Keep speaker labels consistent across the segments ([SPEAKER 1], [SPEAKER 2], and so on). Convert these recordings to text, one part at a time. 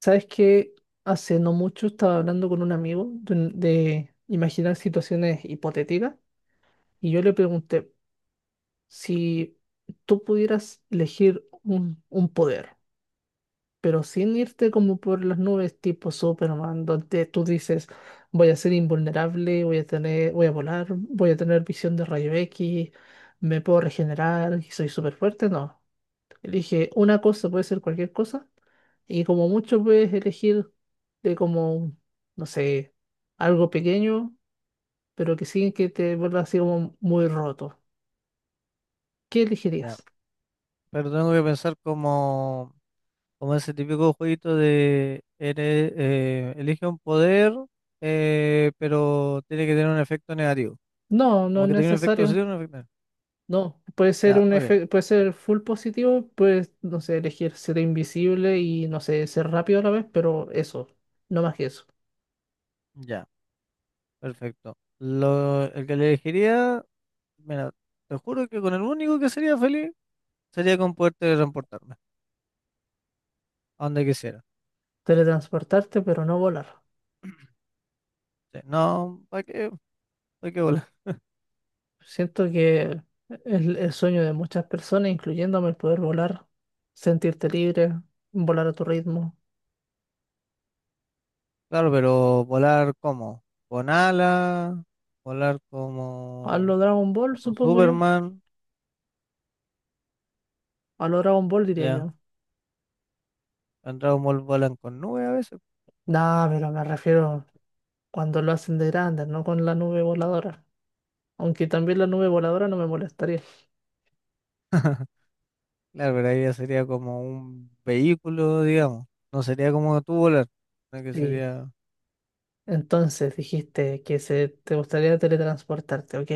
[SPEAKER 1] ¿Sabes que? Hace no mucho estaba hablando con un amigo de, de imaginar situaciones hipotéticas y yo le pregunté si tú pudieras elegir un poder, pero sin irte como por las nubes tipo Superman, donde tú dices voy a ser invulnerable, voy a tener, voy a volar, voy a tener visión de rayo X, me puedo regenerar y soy súper fuerte. No, elige una cosa, puede ser cualquier cosa y como mucho puedes elegir de como, no sé, algo pequeño, pero que sí que te vuelva así como muy roto. ¿Qué
[SPEAKER 2] Ya,
[SPEAKER 1] elegirías?
[SPEAKER 2] pero tengo que pensar como, como ese típico jueguito de eres, elige un poder, pero tiene que tener un efecto negativo.
[SPEAKER 1] No, no
[SPEAKER 2] Como
[SPEAKER 1] es
[SPEAKER 2] que tiene un efecto
[SPEAKER 1] necesario.
[SPEAKER 2] positivo y un efecto negativo.
[SPEAKER 1] No, puede ser
[SPEAKER 2] Ya, ok,
[SPEAKER 1] puede ser full positivo, puedes, no sé, elegir ser invisible y, no sé, ser rápido a la vez, pero eso, no más que eso.
[SPEAKER 2] ya, perfecto. El que le elegiría, mira, te juro que con el único que sería feliz sería con poder teletransportarme a donde quisiera.
[SPEAKER 1] Teletransportarte, pero no volar.
[SPEAKER 2] Sí, no, ¿para qué? ¿Para qué volar?
[SPEAKER 1] Siento que es el sueño de muchas personas, incluyéndome el poder volar, sentirte libre, volar a tu ritmo.
[SPEAKER 2] Claro, pero volar como, con alas, volar
[SPEAKER 1] A
[SPEAKER 2] como,
[SPEAKER 1] lo Dragon Ball,
[SPEAKER 2] como
[SPEAKER 1] supongo yo.
[SPEAKER 2] Superman.
[SPEAKER 1] A lo Dragon Ball diría
[SPEAKER 2] Ya,
[SPEAKER 1] yo.
[SPEAKER 2] en Dragon Ball volan con nubes a veces.
[SPEAKER 1] Nah, pero me refiero cuando lo hacen de grande, no con la nube voladora. Aunque también la nube voladora no me molestaría.
[SPEAKER 2] Claro, pero ahí ya sería como un vehículo, digamos. No sería como tú volar, sino que
[SPEAKER 1] Sí.
[SPEAKER 2] sería,
[SPEAKER 1] Entonces dijiste que se, te gustaría teletransportarte, ok.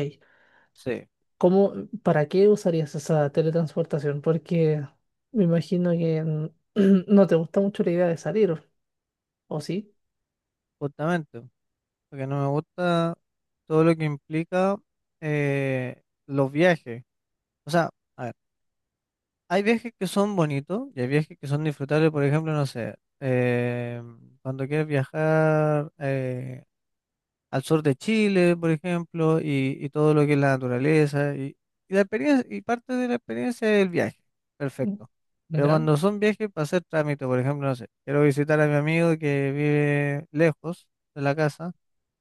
[SPEAKER 2] sí,
[SPEAKER 1] ¿Cómo, para qué usarías esa teletransportación? Porque me imagino que no te gusta mucho la idea de salir, ¿o sí?
[SPEAKER 2] justamente. Porque no me gusta todo lo que implica los viajes. O sea, a ver, hay viajes que son bonitos y hay viajes que son disfrutables, por ejemplo, no sé, cuando quieres viajar al sur de Chile, por ejemplo, y todo lo que es la naturaleza. Y la experiencia, y parte de la experiencia es el viaje.
[SPEAKER 1] Mm,
[SPEAKER 2] Perfecto. Pero
[SPEAKER 1] ¿Ya?
[SPEAKER 2] cuando son viajes para hacer trámite, por ejemplo, no sé, quiero visitar a mi amigo que vive lejos de la casa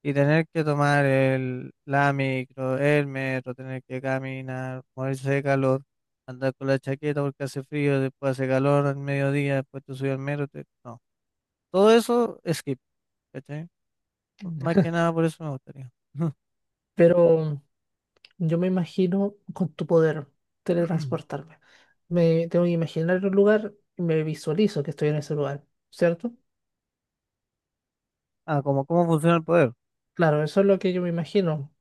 [SPEAKER 2] y tener que tomar la micro, el metro, tener que caminar, morirse de calor, andar con la chaqueta porque hace frío, después hace calor al mediodía, después te subes al metro. No. Todo eso, skip, ¿cachai? Más que nada por eso me gustaría.
[SPEAKER 1] Pero yo me imagino con tu poder teletransportarme. Me tengo que imaginar un lugar y me visualizo que estoy en ese lugar, ¿cierto?
[SPEAKER 2] Ah, ¿cómo funciona el poder?
[SPEAKER 1] Claro, eso es lo que yo me imagino.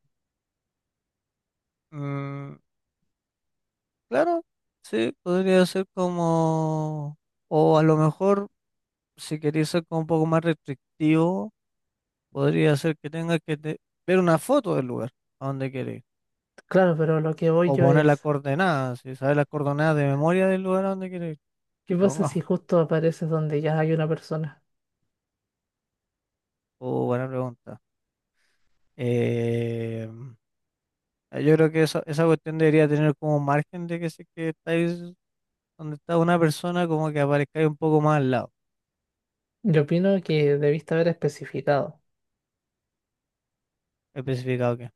[SPEAKER 2] Mm, claro, sí, podría ser como, o a lo mejor, si queréis ser como un poco más restrictivo, podría ser que ver una foto del lugar a donde queréis,
[SPEAKER 1] Claro, pero lo que voy
[SPEAKER 2] o
[SPEAKER 1] yo
[SPEAKER 2] poner las
[SPEAKER 1] es,
[SPEAKER 2] coordenadas, si sabes las coordenadas de memoria del lugar a donde queréis.
[SPEAKER 1] ¿qué pasa si
[SPEAKER 2] Ponga,
[SPEAKER 1] justo apareces donde ya hay una persona?
[SPEAKER 2] oh, buena pregunta. Eh, yo creo que esa cuestión debería tener como margen de que si es que estáis donde está una persona, como que aparezcáis un poco más al lado,
[SPEAKER 1] Yo opino que debiste haber especificado,
[SPEAKER 2] especificado.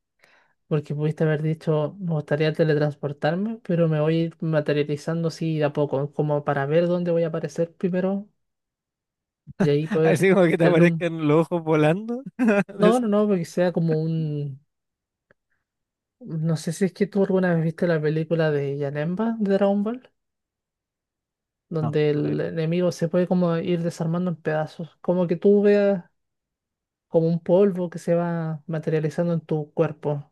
[SPEAKER 1] porque pudiste haber dicho, me gustaría teletransportarme, pero me voy a ir materializando así de a poco, como para ver dónde voy a aparecer primero y ahí poder
[SPEAKER 2] Así como que te
[SPEAKER 1] tener un...
[SPEAKER 2] aparezcan los ojos volando.
[SPEAKER 1] No, no,
[SPEAKER 2] Decir,
[SPEAKER 1] no, porque sea como un... No sé si es que tú alguna vez viste la película de Janemba de Dragon Ball,
[SPEAKER 2] no,
[SPEAKER 1] donde
[SPEAKER 2] no, la he
[SPEAKER 1] el
[SPEAKER 2] visto.
[SPEAKER 1] enemigo se puede como ir desarmando en pedazos, como que tú veas como un polvo que se va materializando en tu cuerpo.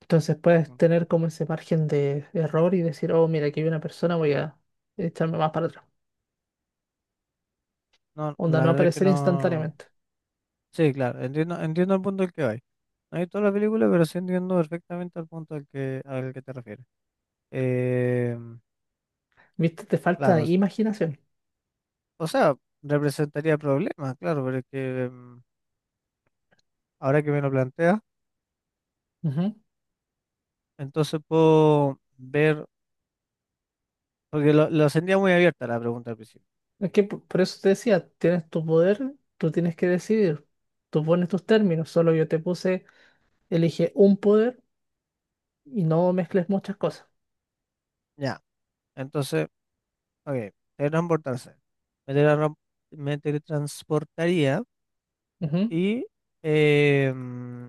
[SPEAKER 1] Entonces puedes tener como ese margen de error y decir, oh, mira, aquí hay una persona, voy a echarme más para atrás.
[SPEAKER 2] No, no,
[SPEAKER 1] Onda, no
[SPEAKER 2] la
[SPEAKER 1] va a
[SPEAKER 2] verdad es que
[SPEAKER 1] aparecer
[SPEAKER 2] no.
[SPEAKER 1] instantáneamente.
[SPEAKER 2] Sí, claro, entiendo, entiendo el punto al que vais. No he visto la película, pero sí entiendo perfectamente el punto al que te refieres. Eh,
[SPEAKER 1] ¿Viste? Te falta
[SPEAKER 2] claro,
[SPEAKER 1] imaginación.
[SPEAKER 2] o sea, representaría problemas, claro, pero es que ahora que me lo planteas,
[SPEAKER 1] Ujú.
[SPEAKER 2] entonces puedo ver, porque lo sentía muy abierta la pregunta al principio.
[SPEAKER 1] Es que por eso te decía, tienes tu poder, tú tienes que decidir. Tú pones tus términos, solo yo te puse: elige un poder y no mezcles muchas cosas.
[SPEAKER 2] Ya, entonces, ok, teletransportarse. Me teletran- Me teletransportaría.
[SPEAKER 1] Ujú.
[SPEAKER 2] Y eh, mm,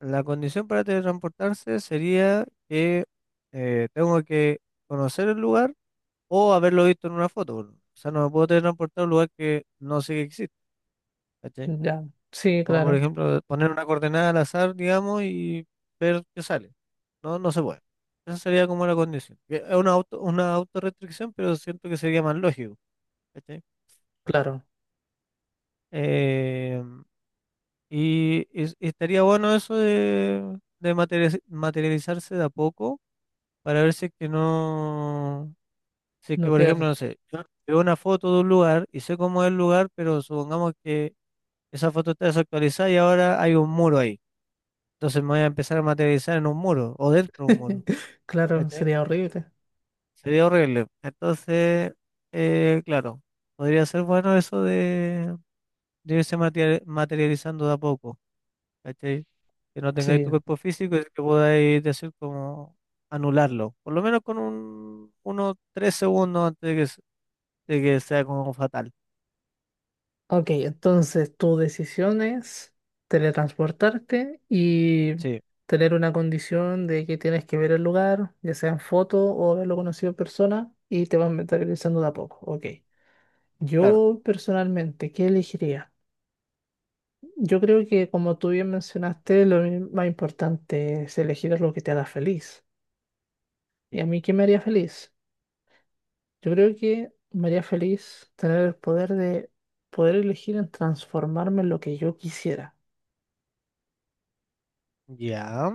[SPEAKER 2] la condición para teletransportarse sería que tengo que conocer el lugar o haberlo visto en una foto. Por O sea, no me puedo teletransportar a un lugar que no sé que existe, ¿cachai?
[SPEAKER 1] Ya, sí,
[SPEAKER 2] Como por
[SPEAKER 1] claro,
[SPEAKER 2] ejemplo poner una coordenada al azar, digamos, y ver qué sale. No, no se puede. Esa sería como la condición. Que Es una auto, una autorrestricción, pero siento que sería más lógico, ¿cachai?
[SPEAKER 1] claro,
[SPEAKER 2] Em, Y, estaría bueno eso de materializarse de a poco para ver si es que no, si es que
[SPEAKER 1] no
[SPEAKER 2] por ejemplo,
[SPEAKER 1] queda.
[SPEAKER 2] no sé, yo veo una foto de un lugar y sé cómo es el lugar, pero supongamos que esa foto está desactualizada y ahora hay un muro ahí. Entonces me voy a empezar a materializar en un muro o dentro de un muro.
[SPEAKER 1] Claro,
[SPEAKER 2] ¿Cachai?
[SPEAKER 1] sería horrible.
[SPEAKER 2] Sería horrible. Entonces, claro, podría ser bueno eso de irse materializando de a poco. ¿Cachai? Que no tengáis
[SPEAKER 1] Sí.
[SPEAKER 2] tu cuerpo físico y que podáis decir como anularlo, por lo menos con unos 3 segundos antes de de que sea como fatal.
[SPEAKER 1] Ok, entonces tu decisión es teletransportarte y
[SPEAKER 2] Sí,
[SPEAKER 1] tener una condición de que tienes que ver el lugar, ya sea en foto o haberlo conocido en persona, y te vas mentalizando de a poco. Ok.
[SPEAKER 2] claro,
[SPEAKER 1] Yo personalmente, ¿qué elegiría? Yo creo que como tú bien mencionaste, más importante es elegir lo que te haga feliz. ¿Y
[SPEAKER 2] sí.
[SPEAKER 1] a mí qué me haría feliz? Yo creo que me haría feliz tener el poder de poder elegir en transformarme en lo que yo quisiera.
[SPEAKER 2] Ya,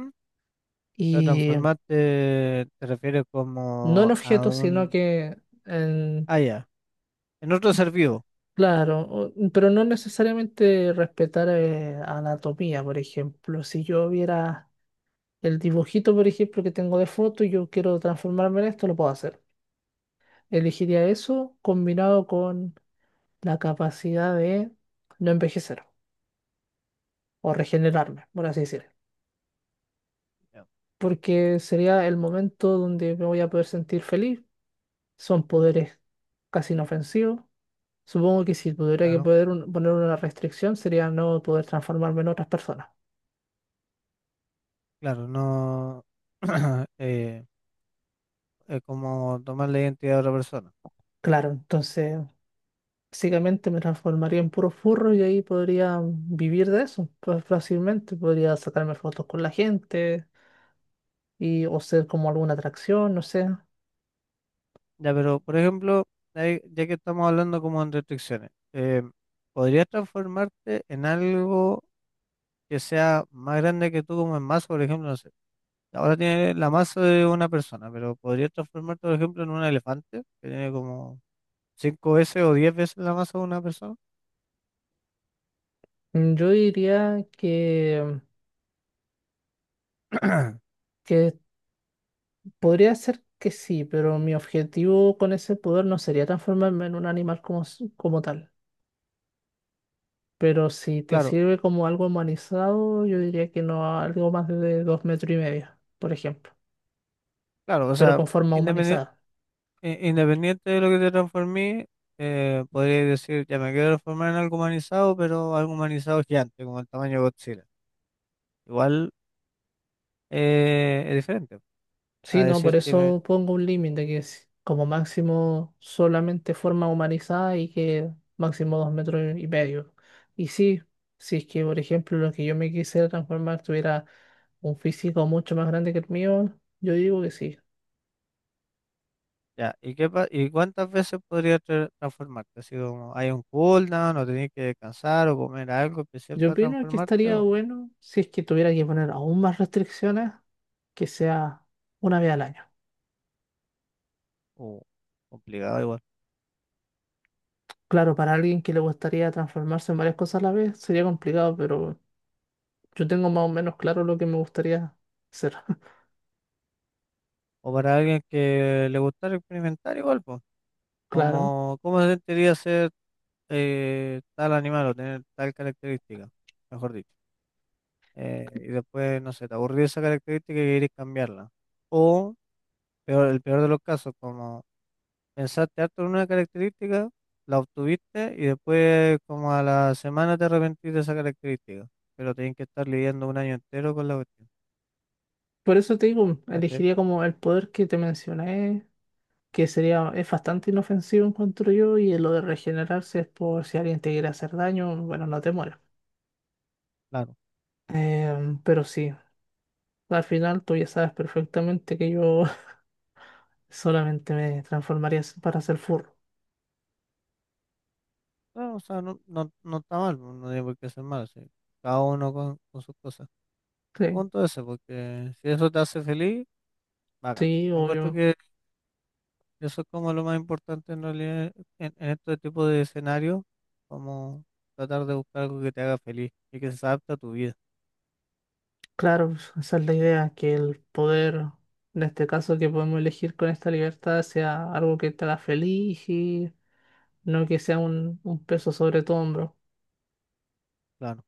[SPEAKER 2] pero
[SPEAKER 1] Y
[SPEAKER 2] transformarte te refieres
[SPEAKER 1] no en
[SPEAKER 2] como a
[SPEAKER 1] objetos, sino
[SPEAKER 2] un...
[SPEAKER 1] que en,
[SPEAKER 2] Ah, ya, en otro ser vivo.
[SPEAKER 1] claro, pero no necesariamente respetar anatomía, por ejemplo. Si yo viera el dibujito, por ejemplo, que tengo de foto y yo quiero transformarme en esto, lo puedo hacer. Elegiría eso combinado con la capacidad de no envejecer o regenerarme, por así decirlo.
[SPEAKER 2] Ya,
[SPEAKER 1] Porque sería el momento donde me voy a poder sentir feliz. Son poderes casi inofensivos. Supongo que si tuviera que
[SPEAKER 2] claro,
[SPEAKER 1] poner una restricción sería no poder transformarme en otras personas.
[SPEAKER 2] claro, no eh, es como tomar la identidad de otra persona.
[SPEAKER 1] Claro, entonces básicamente me transformaría en puro furro y ahí podría vivir de eso pues, fácilmente. Podría sacarme fotos con la gente y o ser como alguna atracción, no sé.
[SPEAKER 2] Ya, pero por ejemplo, ya que estamos hablando como en restricciones, ¿podrías transformarte en algo que sea más grande que tú como en masa? Por ejemplo, no sé, ahora tiene la masa de una persona, pero ¿podrías transformarte, por ejemplo, en un elefante que tiene como 5 veces o 10 veces la masa de una persona?
[SPEAKER 1] Yo diría que podría ser que sí, pero mi objetivo con ese poder no sería transformarme en un animal como, como tal. Pero si te
[SPEAKER 2] Claro,
[SPEAKER 1] sirve como algo humanizado, yo diría que no algo más de dos metros y medio, por ejemplo,
[SPEAKER 2] claro, o
[SPEAKER 1] pero
[SPEAKER 2] sea,
[SPEAKER 1] con forma
[SPEAKER 2] independiente,
[SPEAKER 1] humanizada.
[SPEAKER 2] independiente de lo que te transformé, podría decir, ya me quiero transformar en algo humanizado, pero algo humanizado gigante, como el tamaño de Godzilla. Igual es diferente.
[SPEAKER 1] Sí,
[SPEAKER 2] A
[SPEAKER 1] no, por
[SPEAKER 2] decir que me-
[SPEAKER 1] eso pongo un límite que es como máximo solamente forma humanizada y que máximo dos metros y medio. Y sí, si es que, por ejemplo, lo que yo me quisiera transformar tuviera un físico mucho más grande que el mío, yo digo que sí.
[SPEAKER 2] ya, ¿y y cuántas veces podría transformarte? Así como hay un cooldown o tenés que descansar o comer algo especial
[SPEAKER 1] Yo
[SPEAKER 2] para
[SPEAKER 1] opino que
[SPEAKER 2] transformarte
[SPEAKER 1] estaría bueno si es que tuviera que poner aún más restricciones, que sea una vez al año.
[SPEAKER 2] o complicado igual.
[SPEAKER 1] Claro, para alguien que le gustaría transformarse en varias cosas a la vez sería complicado, pero yo tengo más o menos claro lo que me gustaría hacer.
[SPEAKER 2] O para alguien que le gustara experimentar igual, pues,
[SPEAKER 1] Claro.
[SPEAKER 2] como cómo se sentiría ser tal animal o tener tal característica, mejor dicho. Y después, no sé, te aburrió esa característica y querés cambiarla. O peor, el peor de los casos, como pensaste harto en una característica, la obtuviste y después como a la semana te arrepentís de esa característica. Pero tenés que estar lidiando un año entero con la cuestión.
[SPEAKER 1] Por eso te digo,
[SPEAKER 2] ¿Cachai?
[SPEAKER 1] elegiría como el poder que te mencioné, que sería, es bastante inofensivo, encuentro yo, y lo de regenerarse es por si alguien te quiere hacer daño, bueno, no te mueres.
[SPEAKER 2] Claro.
[SPEAKER 1] Em, pero sí, al final tú ya sabes perfectamente que yo solamente me transformaría para ser furro.
[SPEAKER 2] No, o sea, no, no, no está mal, pues, no tiene por qué ser mal, sí. Cada uno con sus cosas. El
[SPEAKER 1] Sí,
[SPEAKER 2] punto es ese, porque si eso te hace feliz, bacán.
[SPEAKER 1] sí,
[SPEAKER 2] Encuentro
[SPEAKER 1] obvio.
[SPEAKER 2] que eso es como lo más importante en realidad en este tipo de escenarios, como tratar de buscar algo que te haga feliz y que se adapte a tu vida.
[SPEAKER 1] Claro, pues, esa es la idea, que el poder, en este caso que podemos elegir con esta libertad, sea algo que te haga feliz y no que sea un peso sobre tu hombro.
[SPEAKER 2] Claro.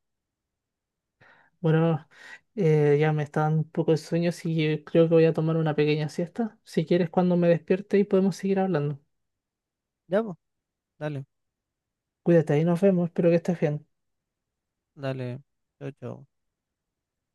[SPEAKER 1] Bueno, ya me está dando un poco de sueño, así que creo que voy a tomar una pequeña siesta. Si quieres, cuando me despierte y podemos seguir hablando.
[SPEAKER 2] Ya, pues, dale.
[SPEAKER 1] Cuídate y nos vemos, espero que estés bien.
[SPEAKER 2] Dale, chao, chao.